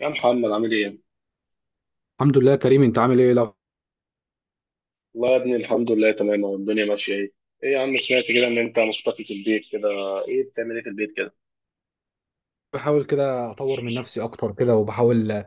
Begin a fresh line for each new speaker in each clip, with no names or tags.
يا محمد، عامل ايه؟
الحمد لله يا كريم، انت عامل ايه؟ لو
والله يا ابني الحمد لله تمام، والدنيا ماشية. ايه؟ ايه يا عم، سمعت كده ان انت مختفي في البيت كده. ايه بتعمل ايه في البيت كده؟
بحاول كده اطور من نفسي اكتر كده، وبحاول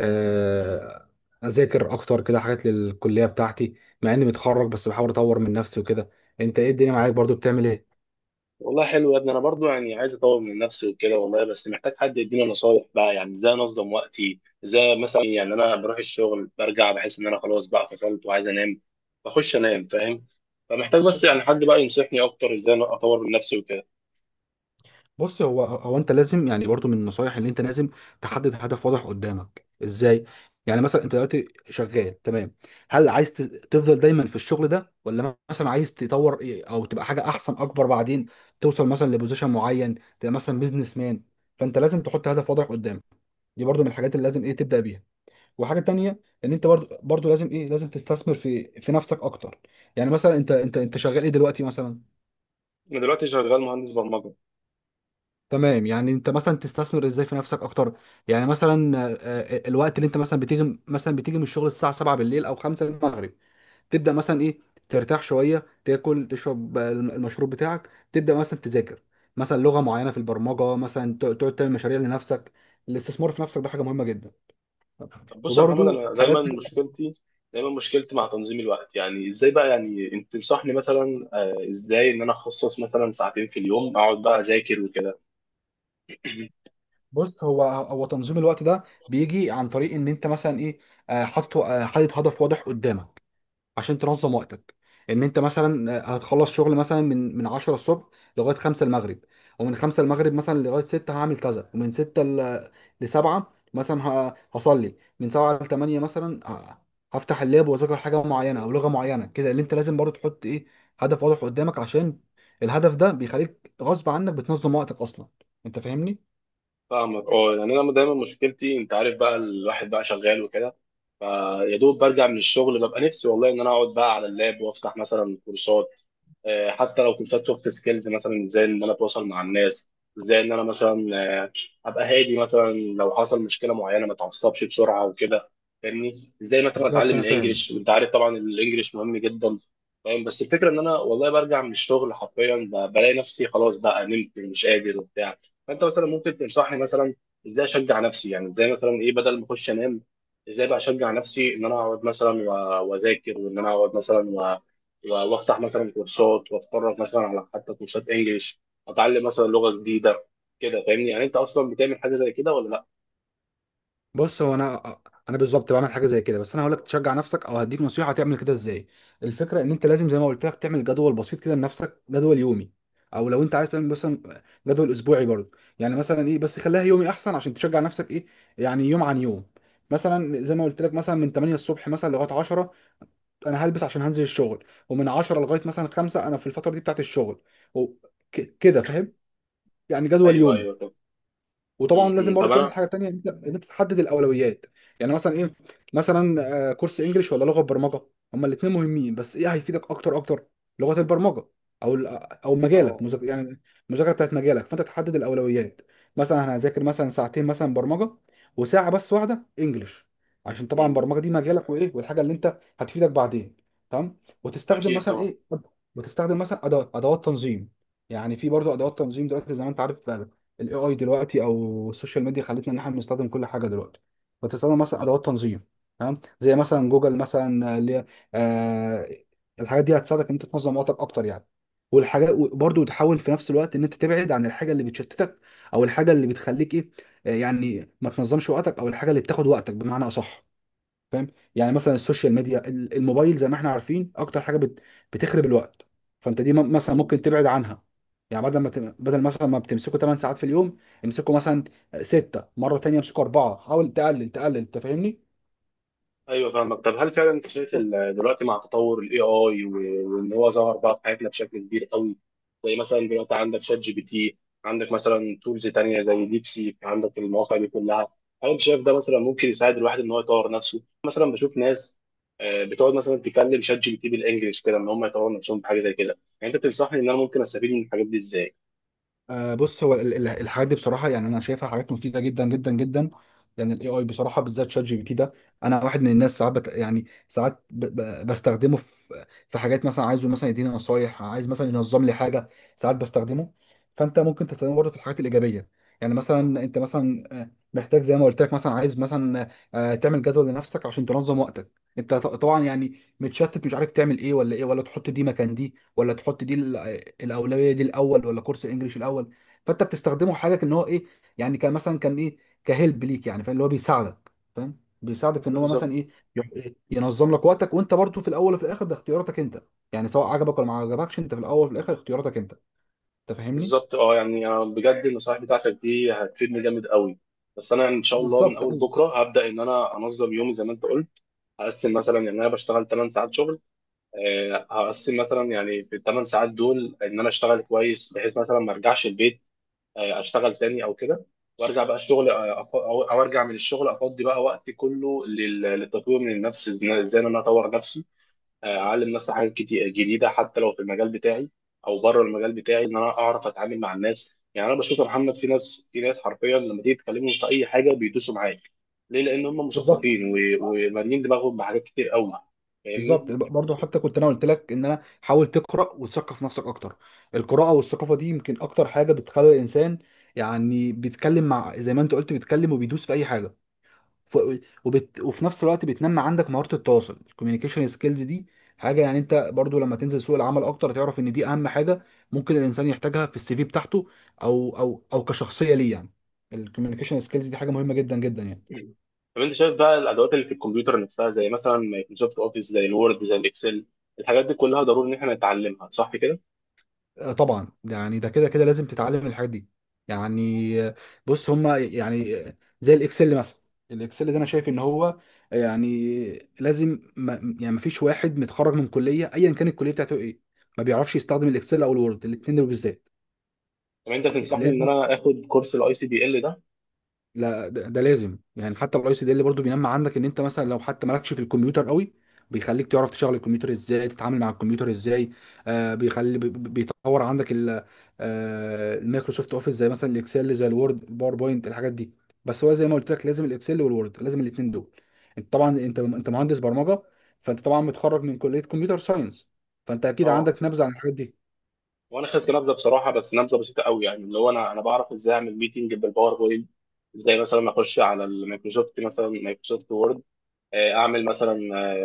آه، اذاكر اكتر كده حاجات للكليه بتاعتي. مع اني متخرج بس بحاول اطور من نفسي وكده. انت ايه الدنيا معاك؟ برضو بتعمل ايه؟
والله حلو يا ابني، انا برضو يعني عايز اطور من نفسي وكده والله، بس محتاج حد يديني نصايح بقى، يعني ازاي انظم وقتي؟ ازاي مثلا؟ يعني انا بروح الشغل برجع بحس ان انا خلاص بقى فصلت وعايز انام، بخش انام، فاهم؟ فمحتاج بس يعني حد بقى ينصحني اكتر ازاي أنا اطور من نفسي وكده.
بص، هو انت لازم يعني برضو من النصايح اللي انت لازم تحدد هدف واضح قدامك. ازاي؟ يعني مثلا انت دلوقتي شغال تمام، هل عايز تفضل دايما في الشغل ده، ولا مثلا عايز تطور ايه او تبقى حاجه احسن اكبر بعدين، توصل مثلا لبوزيشن معين، تبقى مثلا بيزنس مان. فانت لازم تحط هدف واضح قدامك. دي برضو من الحاجات اللي لازم ايه تبدا بيها. وحاجه تانية، ان انت برضو لازم ايه، لازم تستثمر في نفسك اكتر. يعني مثلا انت شغال ايه دلوقتي مثلا؟
انا دلوقتي شغال مهندس برمجة.
تمام، يعني انت مثلا تستثمر ازاي في نفسك اكتر؟ يعني مثلا الوقت اللي انت مثلا بتيجي من الشغل الساعه 7 بالليل او 5 المغرب، تبدا مثلا ايه؟ ترتاح شويه، تاكل، تشرب المشروب بتاعك، تبدا مثلا تذاكر مثلا لغه معينه في البرمجه، مثلا تقعد تعمل مشاريع لنفسك. الاستثمار في نفسك ده حاجه مهمه جدا.
طب بص يا محمد،
وبرده
انا دايما
حاجات تانية.
مشكلتي دايما مشكلتي مع تنظيم الوقت، يعني ازاي بقى، يعني انت تنصحني مثلا؟ ازاي ان انا اخصص مثلا ساعتين في اليوم اقعد بقى اذاكر وكده؟
بص، هو تنظيم الوقت ده بيجي عن طريق ان انت مثلا ايه، حاطط حاطط هدف واضح قدامك عشان تنظم وقتك. ان انت مثلا هتخلص شغل مثلا من 10 الصبح لغايه 5 المغرب، ومن 5 المغرب مثلا لغايه 6 هعمل كذا، ومن 6 ل 7 مثلا هصلي، من 7 ل 8 مثلا هفتح اللاب واذاكر حاجه معينه او لغه معينه كده. اللي انت لازم برضو تحط ايه، هدف واضح قدامك، عشان الهدف ده بيخليك غصب عنك بتنظم وقتك اصلا. انت فاهمني؟
فاهمك، اه، يعني انا دايما مشكلتي، انت عارف بقى، الواحد بقى شغال وكده، فيا دوب برجع من الشغل ببقى نفسي والله ان انا اقعد بقى على اللاب وافتح مثلا كورسات. حتى لو كورسات سوفت سكيلز، مثلا ازاي ان انا اتواصل مع الناس، ازاي ان انا مثلا ابقى هادي مثلا لو حصل مشكله معينه ما اتعصبش بسرعه وكده. فاهمني؟ ازاي مثلا
بالظبط،
اتعلم
انا فاهم.
الانجليش؟ انت عارف طبعا الانجليش مهم جدا، فاهم؟ بس الفكره ان انا والله برجع من الشغل حرفيا بلاقي نفسي خلاص بقى نمت، مش قادر وبتاع. فانت مثلا ممكن تنصحني مثلا ازاي اشجع نفسي؟ يعني ازاي مثلا ايه؟ بدل ما اخش انام، ازاي بقى اشجع نفسي ان انا اقعد مثلا واذاكر، وان انا اقعد مثلا وافتح مثلا كورسات واتفرج مثلا على حتى كورسات انجليش، اتعلم مثلا لغه جديده، كده. فاهمني؟ يعني انت اصلا بتعمل حاجه زي كده، ولا لا؟
بص، هو انا بالظبط بعمل حاجه زي كده، بس انا هقول لك تشجع نفسك او هديك نصيحه تعمل كده ازاي. الفكره ان انت لازم زي ما قلت لك تعمل جدول بسيط كده لنفسك، جدول يومي، او لو انت عايز تعمل مثلا جدول اسبوعي برضه. يعني مثلا ايه، بس خليها يومي احسن عشان تشجع نفسك ايه، يعني يوم عن يوم. مثلا زي ما قلت لك، مثلا من 8 الصبح مثلا لغايه 10 انا هلبس عشان هنزل الشغل، ومن 10 لغايه مثلا 5 انا في الفتره دي بتاعت الشغل. وك- كده فاهم؟ يعني جدول
ايوه،
يومي.
ايوه، طب.
وطبعا
م-
لازم
م.
برضه
طب
تعمل
انا.
حاجه تانية، ان انت إن أنت تحدد الاولويات. يعني مثلا ايه، مثلا كورس انجليش ولا لغه برمجه؟ هما الاثنين مهمين، بس ايه هيفيدك اكتر اكتر؟ لغه البرمجه، او ال- او مجالك
اه.
يعني المذاكره بتاعت مجالك. فانت تحدد الاولويات. مثلا انا هذاكر مثلا ساعتين مثلا برمجه، وساعه بس واحده انجليش، عشان طبعا
م.
البرمجه دي مجالك وايه، والحاجه اللي انت هتفيدك بعدين. تمام. وتستخدم
اكيد
مثلا
طبعا.
ايه، وتستخدم مثلا ادوات تنظيم. يعني في برضو ادوات تنظيم دلوقتي زي ما انت عارف. الاي اي دلوقتي او السوشيال ميديا خلتنا ان احنا بنستخدم كل حاجه دلوقتي. بتستخدم مثلا ادوات تنظيم، تمام، زي مثلا جوجل مثلا اللي هي آه. الحاجات دي هتساعدك ان انت تنظم وقتك اكتر يعني. والحاجات برضه تحاول في نفس الوقت ان انت تبعد عن الحاجه اللي بتشتتك، او الحاجه اللي بتخليك ايه، يعني ما تنظمش وقتك، او الحاجه اللي بتاخد وقتك بمعنى اصح. فاهم؟ يعني مثلا السوشيال ميديا، الموبايل، زي ما احنا عارفين، اكتر حاجه بتخرب الوقت. فانت دي مثلا
م.
ممكن تبعد عنها. يعني بدل مثلا ما بتمسكوا 8 ساعات في اليوم، امسكوا مثلا 6، مره تانية امسكوا 4. حاول تقلل تقلل. انت فاهمني؟
ايوه، فاهمك. طب هل فعلا انت شايف دلوقتي مع تطور الاي اي، وان هو ظهر بقى في حياتنا بشكل كبير قوي، زي مثلا دلوقتي عندك شات جي بي تي، عندك مثلا تولز تانية زي ديبسيك، عندك المواقع دي كلها، هل انت شايف ده مثلا ممكن يساعد الواحد ان هو يطور نفسه؟ مثلا بشوف ناس بتقعد مثلا تكلم شات جي بي تي بالانجلش كده، ان هم يطوروا نفسهم بحاجه زي كده. يعني انت تنصحني ان انا ممكن استفيد من الحاجات دي ازاي؟
بص، هو الحاجات دي بصراحه، يعني انا شايفها حاجات مفيده جدا جدا جدا. يعني الاي اي بصراحه، بالذات شات جي بي تي ده، انا واحد من الناس ساعات يعني ساعات ب ب بستخدمه في حاجات، مثلا عايزه مثلا يديني نصايح، عايز مثلا ينظم لي حاجه. ساعات بستخدمه. فانت ممكن تستخدمه برضه في الحاجات الايجابيه. يعني مثلا انت مثلا محتاج زي ما قلت لك، مثلا عايز مثلا تعمل جدول لنفسك عشان تنظم وقتك. انت طبعا يعني متشتت، مش عارف تعمل ايه ولا ايه، ولا تحط دي مكان دي ولا تحط دي. الاولويه دي الاول ولا كورس الانجليش الاول؟ فانت بتستخدمه حاجه، ان هو ايه، يعني كان مثلا كان ايه، كهلب ليك يعني. فاهم اللي هو بيساعدك؟ فاهم بيساعدك ان هو
بالظبط.
مثلا ايه، ينظم لك وقتك. وانت برضو في الاول وفي الاخر ده اختياراتك انت. يعني سواء عجبك ولا ما عجبكش، انت في الاول وفي الاخر اختياراتك انت. انت فاهمني؟
بالظبط، اه، يعني بجد النصائح بتاعتك دي هتفيدني جامد قوي. بس انا ان شاء الله من
بالظبط،
اول
ايوه.
بكره هبدا ان انا انظم يومي زي ما انت قلت. هقسم مثلا، يعني انا بشتغل 8 ساعات شغل. هقسم مثلا يعني في ال 8 ساعات دول ان انا اشتغل كويس، بحيث مثلا ما ارجعش البيت اشتغل تاني او كده، وارجع بقى الشغل. آه، أف- او أو ارجع من الشغل افضي بقى وقتي كله للتطوير من النفس. ازاي إن انا اطور نفسي، اعلم نفسي حاجات كتير جديده حتى لو في المجال بتاعي او بره المجال بتاعي، ان انا اعرف اتعامل مع الناس. يعني انا بشوف يا محمد في ناس حرفيا لما تيجي تكلمهم في اي حاجه بيدوسوا معاك. ليه؟ لان هم
بالظبط.
مثقفين ومالين دماغهم بحاجات كتير قوي،
بالظبط
فاهمني؟
برضه، حتى كنت انا قلت لك ان انا، حاول تقرا وتثقف نفسك اكتر. القراءه والثقافه دي يمكن اكتر حاجه بتخلي الانسان يعني بيتكلم، مع زي ما انت قلت، بيتكلم وبيدوس في اي حاجه. ف... وفي نفس الوقت بتنمي عندك مهارة التواصل، الكوميونيكيشن سكيلز دي، حاجة يعني انت برضو لما تنزل سوق العمل اكتر تعرف ان دي اهم حاجة ممكن الانسان يحتاجها في السي في بتاعته، او كشخصية ليه يعني. الكوميونيكيشن سكيلز دي حاجة مهمة جدا جدا يعني.
طب انت شايف بقى الادوات اللي في الكمبيوتر نفسها زي مثلا مايكروسوفت اوفيس، زي الوورد، زي الاكسل، الحاجات دي كلها ضروري ان احنا نتعلمها، صح كده؟
طبعا، يعني ده كده لازم تتعلم الحاجات دي. يعني بص، هما يعني زي الاكسل مثلا. الاكسل ده انا شايف ان هو يعني لازم ما، يعني ما فيش واحد متخرج من كليه، ايا كانت الكليه بتاعته ايه، ما بيعرفش يستخدم الاكسل او الوورد، الاثنين دول بالذات.
طب انت تنصحني ان
لازم.
انا اخد كورس الاي سي دي ال ده؟
لا ده, ده لازم يعني. حتى الاي سي دي اللي برضه بينمى عندك ان انت مثلا لو حتى مالكش في الكمبيوتر قوي، بيخليك تعرف تشغل الكمبيوتر ازاي، تتعامل مع الكمبيوتر ازاي. آه، بيطور عندك آه المايكروسوفت اوفيس، زي مثلا الاكسل، زي الوورد، الباوربوينت، الحاجات دي. بس هو زي ما قلت لك لازم الاكسل والوورد، لازم الاثنين دول. انت طبعا انت مهندس برمجه، فانت طبعا متخرج من كليه كمبيوتر ساينس، فانت اكيد
اه.
عندك نبذه عن الحاجات دي.
وانا خدت نبذه بصراحه، بس نبذه بسيطه قوي، يعني اللي هو انا بعرف ازاي اعمل ميتنج بالباوربوينت، ازاي مثلا اخش على المايكروسوفت مثلا مايكروسوفت وورد، اعمل مثلا،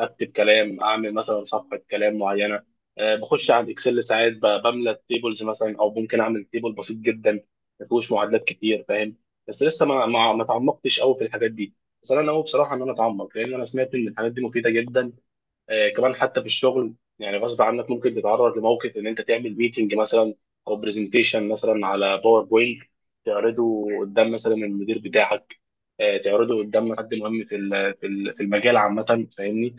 اكتب كلام، اعمل مثلا صفحه كلام معينه. بخش على الاكسل ساعات بملى التيبلز مثلا، او ممكن اعمل تيبل بسيط جدا ما فيهوش معادلات كتير، فاهم؟ بس لسه ما تعمقتش قوي في الحاجات دي، بس انا ناوي بصراحه ان انا اتعمق، لان انا سمعت ان الحاجات دي مفيده جدا. كمان حتى في الشغل يعني غصب عنك ممكن تتعرض لموقف ان انت تعمل ميتنج مثلا، او برزنتيشن مثلا على باوربوينت، تعرضه قدام مثلا المدير بتاعك، تعرضه قدام حد مهم في المجال عامه، فاهمني؟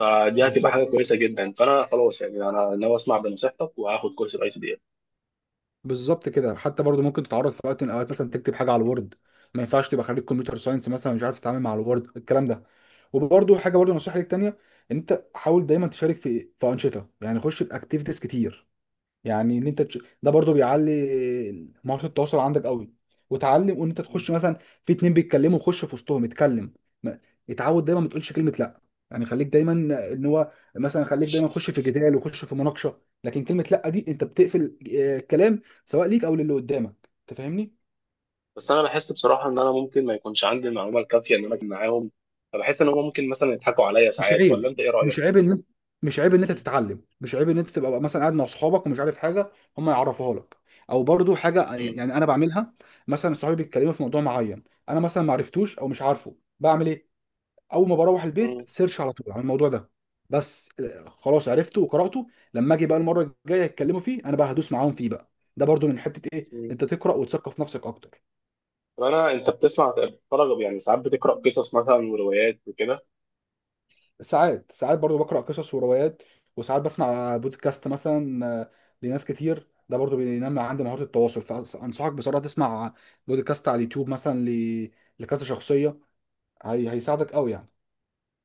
فدي هتبقى حاجه
بالظبط.
كويسه جدا، فانا خلاص يعني انا ناوي اسمع بنصيحتك وهاخد كورس الاي سي دي ال.
بالظبط كده، حتى برضو ممكن تتعرض في وقت من الاوقات مثلا تكتب حاجه على الوورد، ما ينفعش تبقى خريج كمبيوتر ساينس مثلا مش عارف تتعامل مع الوورد، الكلام ده. وبرضو حاجه، برضو نصيحه ليك تانيه، ان انت حاول دايما تشارك في انشطه، يعني خش في اكتيفيتيز كتير. يعني ان انت ده برضو بيعلي مهارة التواصل عندك قوي، وتعلم. وان انت تخش مثلا في اتنين بيتكلموا، خش في وسطهم، اتكلم. ما- اتعود دايما ما تقولش كلمة لا. يعني خليك دايما، ان هو مثلا، خليك دايما خش في جدال وخش في مناقشة، لكن كلمة لا دي انت بتقفل الكلام، سواء ليك او للي قدامك. انت فاهمني؟
بس انا بحس بصراحه ان انا ممكن ما يكونش عندي المعلومه الكافيه ان انا اكون معاهم، فبحس ان هم ممكن مثلا يضحكوا عليا
مش
ساعات، ولا
عيب
انت ايه رايك؟
مش عيب ان مش عيب ان انت تتعلم، مش عيب ان انت تبقى مثلا قاعد مع اصحابك ومش عارف حاجه هم يعرفوها لك. او برضو حاجه
مم.
يعني انا بعملها، مثلا صحابي بيتكلموا في موضوع معين، انا مثلا ما عرفتوش او مش عارفه بعمل ايه. اول ما بروح البيت
مم.
سيرش على طول عن الموضوع ده. بس خلاص عرفته وقراته، لما اجي بقى المره الجايه يتكلموا فيه، انا بقى هدوس معاهم فيه بقى. ده برضو من حته ايه،
مم.
انت تقرا وتثقف نفسك اكتر.
طب انا، انت بتسمع، بتتفرج؟ يعني ساعات بتقرا قصص مثلا وروايات وكده؟
ساعات ساعات برضو بقرأ قصص وروايات، وساعات بسمع بودكاست مثلا لناس كتير. ده برضو بينمي عندي مهارة التواصل. فأنصحك بصراحة تسمع بودكاست على اليوتيوب مثلا لكذا شخصية. هيساعدك قوي يعني.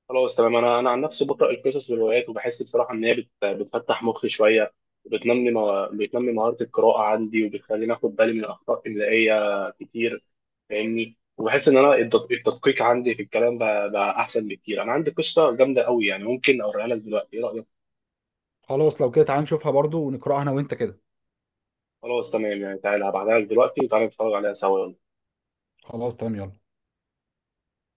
خلاص تمام. انا عن نفسي بقرا القصص والروايات وبحس بصراحه ان هي بتفتح مخي شويه، وبتنمي بتنمي مهاره القراءه عندي، وبتخليني اخد بالي من اخطاء املائيه كتير، فاهمني؟ وبحس ان انا التدقيق عندي في الكلام بقى احسن بكتير. انا عندي قصه جامده قوي، يعني ممكن اوريها لك دلوقتي، ايه رايك؟
خلاص، لو كده تعال نشوفها برضو ونقرأها أنا وأنت كده.
خلاص تمام يعني، تعالى هبعتها لك دلوقتي وتعالى نتفرج عليها سوا.
خلاص تمام، يلا.